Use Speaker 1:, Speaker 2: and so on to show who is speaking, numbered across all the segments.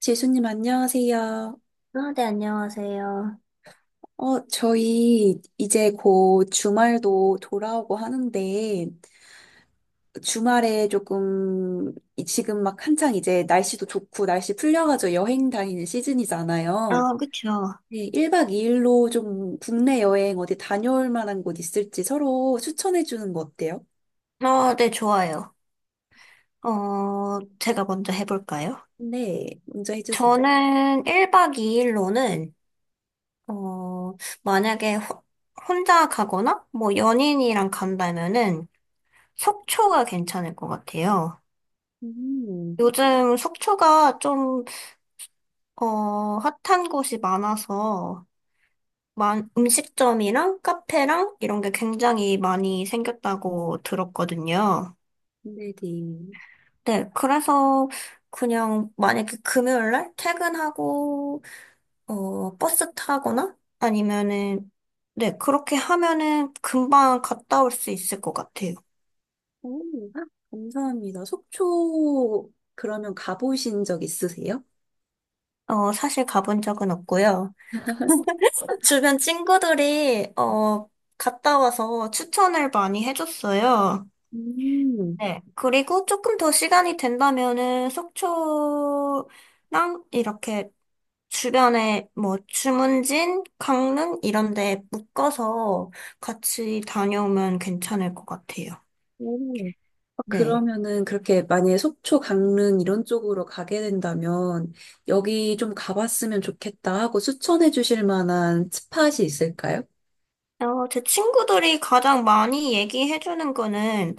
Speaker 1: 지수님, 안녕하세요.
Speaker 2: 네, 안녕하세요.
Speaker 1: 저희 이제 곧 주말도 돌아오고 하는데, 주말에 조금, 지금 막 한창 이제 날씨도 좋고, 날씨 풀려가지고 여행 다니는 시즌이잖아요.
Speaker 2: 그쵸.
Speaker 1: 네, 1박 2일로 좀 국내 여행 어디 다녀올 만한 곳 있을지 서로 추천해 주는 거 어때요?
Speaker 2: 네, 좋아요. 제가 먼저 해볼까요?
Speaker 1: 네, 먼저 해주세요.
Speaker 2: 저는 1박 2일로는, 어, 만약에 혼자 가거나, 뭐, 연인이랑 간다면은, 속초가 괜찮을 것 같아요.
Speaker 1: 음,
Speaker 2: 요즘 속초가 좀, 핫한 곳이 많아서, 음식점이랑 카페랑 이런 게 굉장히 많이 생겼다고 들었거든요.
Speaker 1: 네네.
Speaker 2: 네, 그래서 그냥 만약에 금요일 날 퇴근하고 버스 타거나 아니면은 네, 그렇게 하면은 금방 갔다 올 수 있을 것 같아요.
Speaker 1: 오, 아, 감사합니다. 속초 그러면 가보신 적 있으세요?
Speaker 2: 사실 가본 적은 없고요. 주변 친구들이 갔다 와서 추천을 많이 해줬어요.
Speaker 1: 음.
Speaker 2: 네, 그리고 조금 더 시간이 된다면은 속초랑 이렇게 주변에 뭐 주문진, 강릉 이런 데 묶어서 같이 다녀오면 괜찮을 것 같아요.
Speaker 1: 오. 아,
Speaker 2: 네.
Speaker 1: 그러면은 그렇게 만약에 속초, 강릉 이런 쪽으로 가게 된다면 여기 좀 가봤으면 좋겠다 하고 추천해 주실 만한 스팟이 있을까요?
Speaker 2: 제 친구들이 가장 많이 얘기해주는 거는,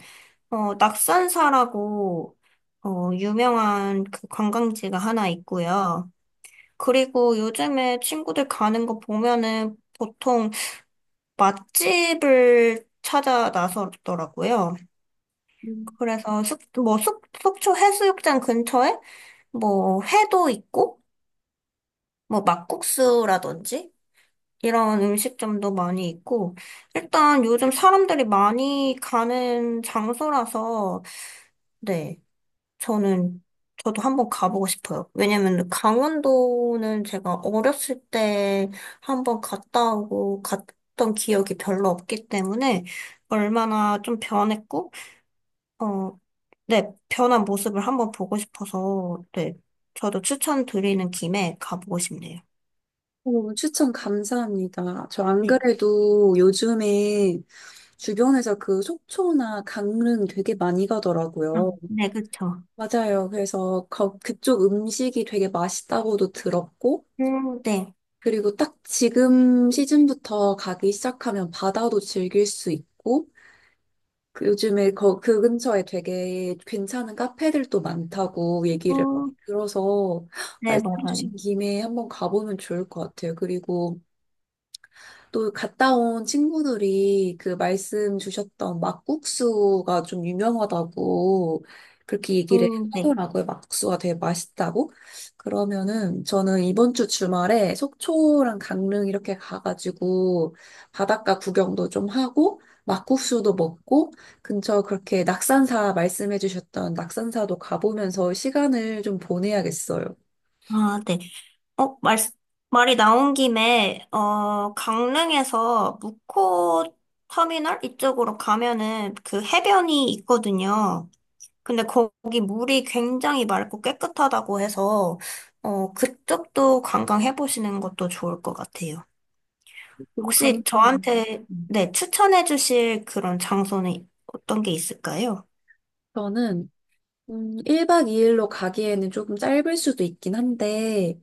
Speaker 2: 낙산사라고, 유명한 그 관광지가 하나 있고요. 그리고 요즘에 친구들 가는 거 보면은 보통 맛집을 찾아 나서더라고요.
Speaker 1: 음.
Speaker 2: 그래서 속초 해수욕장 근처에 뭐 회도 있고 뭐 막국수라든지 이런 음식점도 많이 있고 일단 요즘 사람들이 많이 가는 장소라서 네 저는 저도 한번 가보고 싶어요. 왜냐면 강원도는 제가 어렸을 때 한번 갔다 오고 갔던 기억이 별로 없기 때문에 얼마나 좀 변했고 어 네, 변한 모습을 한번 보고 싶어서, 네, 저도 추천드리는 김에 가보고 싶네요.
Speaker 1: 오, 추천 감사합니다. 저 안
Speaker 2: 네,
Speaker 1: 그래도 요즘에 주변에서 그 속초나 강릉 되게 많이
Speaker 2: 아,
Speaker 1: 가더라고요.
Speaker 2: 네, 그쵸.
Speaker 1: 맞아요. 그래서 그쪽 음식이 되게 맛있다고도 들었고,
Speaker 2: 네,
Speaker 1: 그리고 딱 지금 시즌부터 가기 시작하면 바다도 즐길 수 있고, 그 요즘에 거, 그 근처에 되게 괜찮은 카페들도 많다고 얘기를 많이
Speaker 2: 음,
Speaker 1: 들어서
Speaker 2: 네,
Speaker 1: 말씀
Speaker 2: 맞아요.
Speaker 1: 주신 김에 한번 가보면 좋을 것 같아요. 그리고 또 갔다 온 친구들이 그 말씀 주셨던 막국수가 좀 유명하다고 그렇게 얘기를
Speaker 2: 네.
Speaker 1: 하더라고요. 막국수가 되게 맛있다고. 그러면은 저는 이번 주 주말에 속초랑 강릉 이렇게 가가지고 바닷가 구경도 좀 하고 막국수도 먹고 근처 그렇게 낙산사 말씀해 주셨던 낙산사도 가보면서 시간을 좀 보내야겠어요.
Speaker 2: 아, 네. 어, 말, 말이 나온 김에, 강릉에서 무코 터미널 이쪽으로 가면은 그 해변이 있거든요. 근데 거기 물이 굉장히 맑고 깨끗하다고 해서, 그쪽도 관광해보시는 것도 좋을 것 같아요.
Speaker 1: 너무
Speaker 2: 혹시
Speaker 1: 감사합니다.
Speaker 2: 저한테
Speaker 1: 음.
Speaker 2: 네, 추천해 주실 그런 장소는 어떤 게 있을까요?
Speaker 1: 저는 1박 2일로 가기에는 조금 짧을 수도 있긴 한데,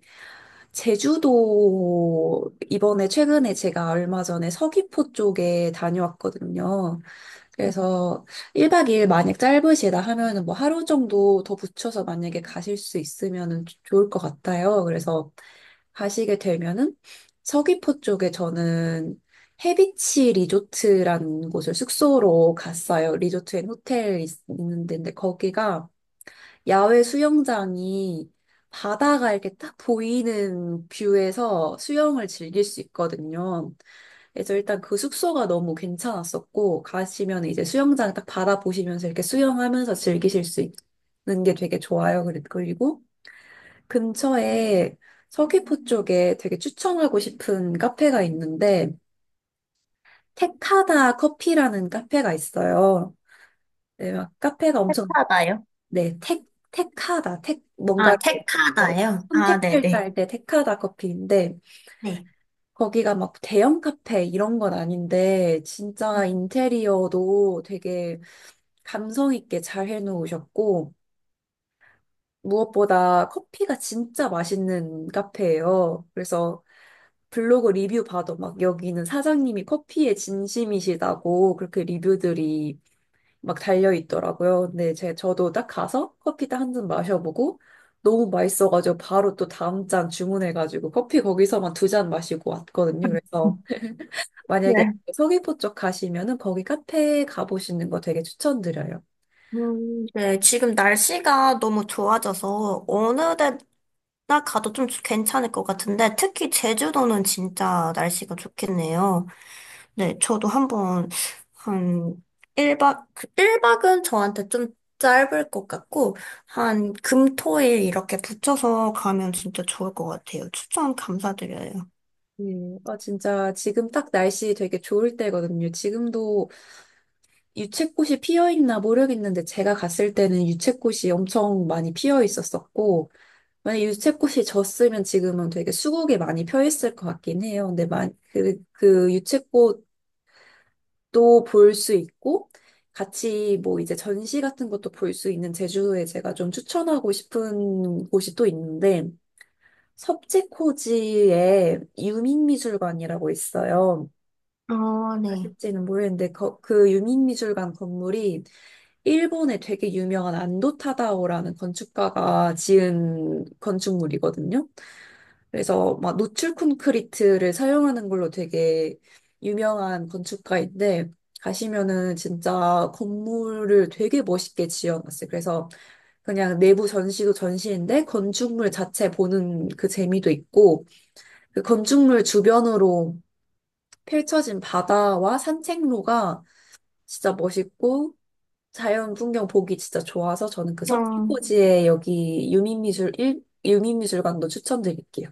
Speaker 1: 제주도 이번에 최근에 제가 얼마 전에 서귀포 쪽에 다녀왔거든요. 그래서 1박 2일 만약 짧으시다 하면은 뭐 하루 정도 더 붙여서 만약에 가실 수 있으면은 좋을 것 같아요. 그래서 가시게 되면은 서귀포 쪽에 저는 해비치 리조트라는 곳을 숙소로 갔어요. 리조트 앤 호텔 있는 데인데 거기가 야외 수영장이 바다가 이렇게 딱 보이는 뷰에서 수영을 즐길 수 있거든요. 그래서 일단 그 숙소가 너무 괜찮았었고, 가시면 이제 수영장 딱 바다 보시면서 이렇게 수영하면서 즐기실 수 있는 게 되게 좋아요. 그리고 근처에 서귀포 쪽에 되게 추천하고 싶은 카페가 있는데, 테카다 커피라는 카페가 있어요. 네, 막 카페가 엄청.
Speaker 2: 하다요?
Speaker 1: 네, 택하다. 택, 뭔가, 이렇게, 네,
Speaker 2: 택하다요? 아,
Speaker 1: 선택할
Speaker 2: 네네.
Speaker 1: 때할때 택하다 커피인데,
Speaker 2: 네.
Speaker 1: 거기가 막 대형 카페 이런 건 아닌데, 진짜 인테리어도 되게 감성 있게 잘 해놓으셨고, 무엇보다 커피가 진짜 맛있는 카페예요. 그래서 블로그 리뷰 봐도 막 여기는 사장님이 커피에 진심이시다고 그렇게 리뷰들이 막 달려 있더라고요. 근데 제 저도 딱 가서 커피 딱 한 잔 마셔보고 너무 맛있어가지고 바로 또 다음 잔 주문해가지고 커피 거기서만 두 잔 마시고 왔거든요. 그래서
Speaker 2: 네.
Speaker 1: 만약에 서귀포 쪽 가시면은 거기 카페 가보시는 거 되게 추천드려요.
Speaker 2: 네, 지금 날씨가 너무 좋아져서 어느 데나 가도 좀 괜찮을 것 같은데 특히 제주도는 진짜 날씨가 좋겠네요. 네, 저도 한번 한 1박, 일박은 저한테 좀 짧을 것 같고 한 금, 토, 일 이렇게 붙여서 가면 진짜 좋을 것 같아요. 추천 감사드려요.
Speaker 1: 네, 아, 진짜 지금 딱 날씨 되게 좋을 때거든요. 지금도 유채꽃이 피어 있나 모르겠는데 제가 갔을 때는 유채꽃이 엄청 많이 피어 있었었고, 만약 유채꽃이 졌으면 지금은 되게 수국에 많이 펴 있을 것 같긴 해요. 근데 그 유채꽃도 볼 수 있고 같이 뭐 이제 전시 같은 것도 볼 수 있는 제주도에 제가 좀 추천하고 싶은 곳이 또 있는데 섭지코지에 유민미술관이라고 있어요.
Speaker 2: 아, 네.
Speaker 1: 아실지는 모르겠는데 그 유민미술관 건물이 일본의 되게 유명한 안도 타다오라는 건축가가 지은 건축물이거든요. 그래서 막 노출 콘크리트를 사용하는 걸로 되게 유명한 건축가인데 가시면은 진짜 건물을 되게 멋있게 지어놨어요. 그래서 그냥 내부 전시도 전시인데 건축물 자체 보는 그 재미도 있고 그 건축물 주변으로 펼쳐진 바다와 산책로가 진짜 멋있고 자연 풍경 보기 진짜 좋아서 저는 그
Speaker 2: 어,
Speaker 1: 서귀포지에 여기 유민미술관도 추천드릴게요.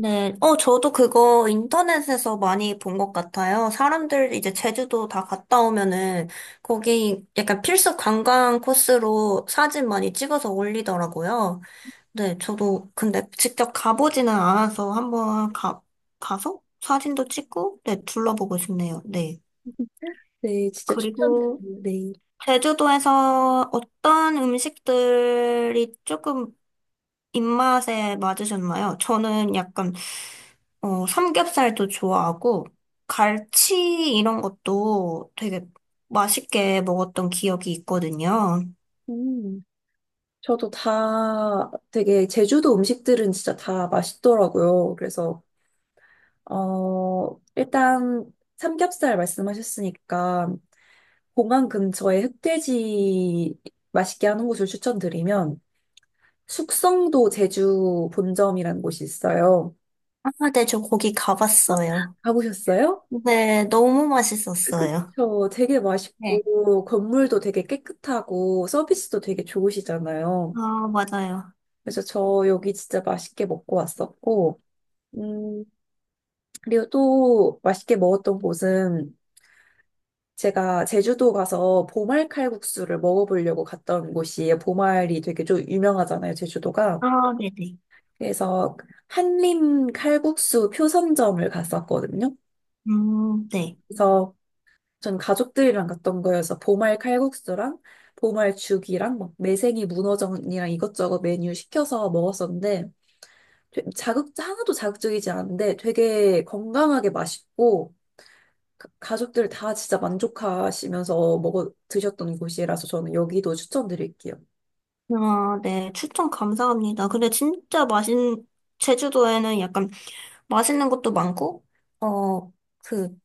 Speaker 2: 네. 저도 그거 인터넷에서 많이 본 것 같아요. 사람들 이제 제주도 다 갔다 오면은 거기 약간 필수 관광 코스로 사진 많이 찍어서 올리더라고요. 네, 저도 근데 직접 가보지는 않아서 가서 사진도 찍고, 네, 둘러보고 싶네요. 네.
Speaker 1: 네, 진짜
Speaker 2: 그리고
Speaker 1: 추천드려요. 네.
Speaker 2: 제주도에서 어떤 음식들이 조금 입맛에 맞으셨나요? 저는 약간 삼겹살도 좋아하고, 갈치 이런 것도 되게 맛있게 먹었던 기억이 있거든요.
Speaker 1: 음. 저도 다 되게 제주도 음식들은 진짜 다 맛있더라고요. 그래서 어 일단 삼겹살 말씀하셨으니까 공항 근처에 흑돼지 맛있게 하는 곳을 추천드리면 숙성도 제주 본점이라는 곳이 있어요.
Speaker 2: 아, 네, 저 거기
Speaker 1: 어?
Speaker 2: 가봤어요.
Speaker 1: 가보셨어요?
Speaker 2: 네, 너무 맛있었어요.
Speaker 1: 저 되게
Speaker 2: 네.
Speaker 1: 맛있고 건물도 되게 깨끗하고 서비스도 되게 좋으시잖아요.
Speaker 2: 아, 맞아요.
Speaker 1: 그래서 저 여기 진짜 맛있게 먹고 왔었고, 음, 그리고 또 맛있게 먹었던 곳은 제가 제주도 가서 보말 칼국수를 먹어보려고 갔던 곳이에요. 보말이 되게 좀 유명하잖아요, 제주도가.
Speaker 2: 아, 네네.
Speaker 1: 그래서 한림 칼국수 표선점을 갔었거든요.
Speaker 2: 네.
Speaker 1: 그래서 전 가족들이랑 갔던 거여서 보말 칼국수랑 보말 죽이랑 막 매생이 문어전이랑 이것저것 메뉴 시켜서 먹었었는데 자극 하나도 자극적이지 않은데 되게 건강하게 맛있고 가족들 다 진짜 만족하시면서 먹어 드셨던 곳이라서 저는 여기도 추천드릴게요.
Speaker 2: 아, 네. 추천 감사합니다. 근데 진짜 맛있는, 제주도에는 약간 맛있는 것도 많고, 어, 그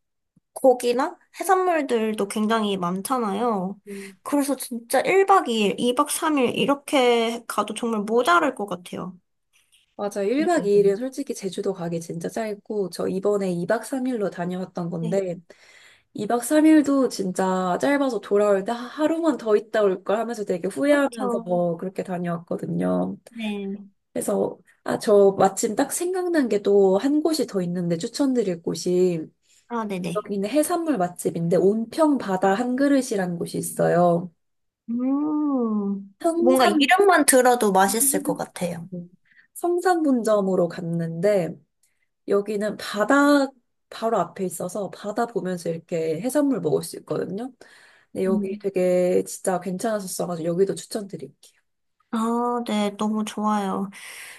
Speaker 2: 고기나 해산물들도 굉장히 많잖아요.
Speaker 1: 음.
Speaker 2: 그래서 진짜 1박 2일, 2박 3일 이렇게 가도 정말 모자랄 것 같아요.
Speaker 1: 맞아.
Speaker 2: 네.
Speaker 1: 1박 2일은 솔직히 제주도 가기 진짜 짧고, 저 이번에 2박 3일로 다녀왔던
Speaker 2: 네,
Speaker 1: 건데, 2박 3일도 진짜 짧아서 돌아올 때 하루만 더 있다 올 걸 하면서 되게 후회하면서
Speaker 2: 그렇죠.
Speaker 1: 뭐 그렇게 다녀왔거든요.
Speaker 2: 네.
Speaker 1: 그래서 아, 저 마침 딱 생각난 게 또 한 곳이 더 있는데 추천드릴 곳이
Speaker 2: 아, 네네.
Speaker 1: 여기는 해산물 맛집인데 온평 바다 한 그릇이라는 곳이 있어요.
Speaker 2: 뭔가
Speaker 1: 성산
Speaker 2: 이름만 들어도 맛있을 것 같아요.
Speaker 1: 성산분점으로 갔는데 여기는 바다 바로 앞에 있어서 바다 보면서 이렇게 해산물 먹을 수 있거든요. 근데 여기
Speaker 2: 음.
Speaker 1: 되게 진짜 괜찮았었어가지고 여기도 추천드릴게요.
Speaker 2: 아, 네, 너무 좋아요.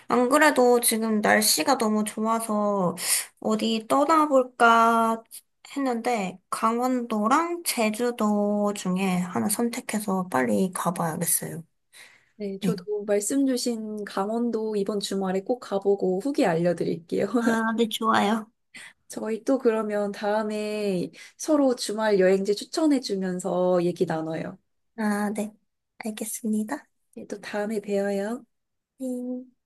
Speaker 2: 안 그래도 지금 날씨가 너무 좋아서 어디 떠나볼까 했는데 강원도랑 제주도 중에 하나 선택해서 빨리 가봐야겠어요.
Speaker 1: 네,
Speaker 2: 네.
Speaker 1: 저도 말씀 주신 강원도 이번 주말에 꼭 가보고 후기 알려드릴게요.
Speaker 2: 아, 네, 좋아요.
Speaker 1: 저희 또 그러면 다음에 서로 주말 여행지 추천해주면서 얘기 나눠요.
Speaker 2: 아, 네. 알겠습니다.
Speaker 1: 네, 또 다음에 봬요.
Speaker 2: 네.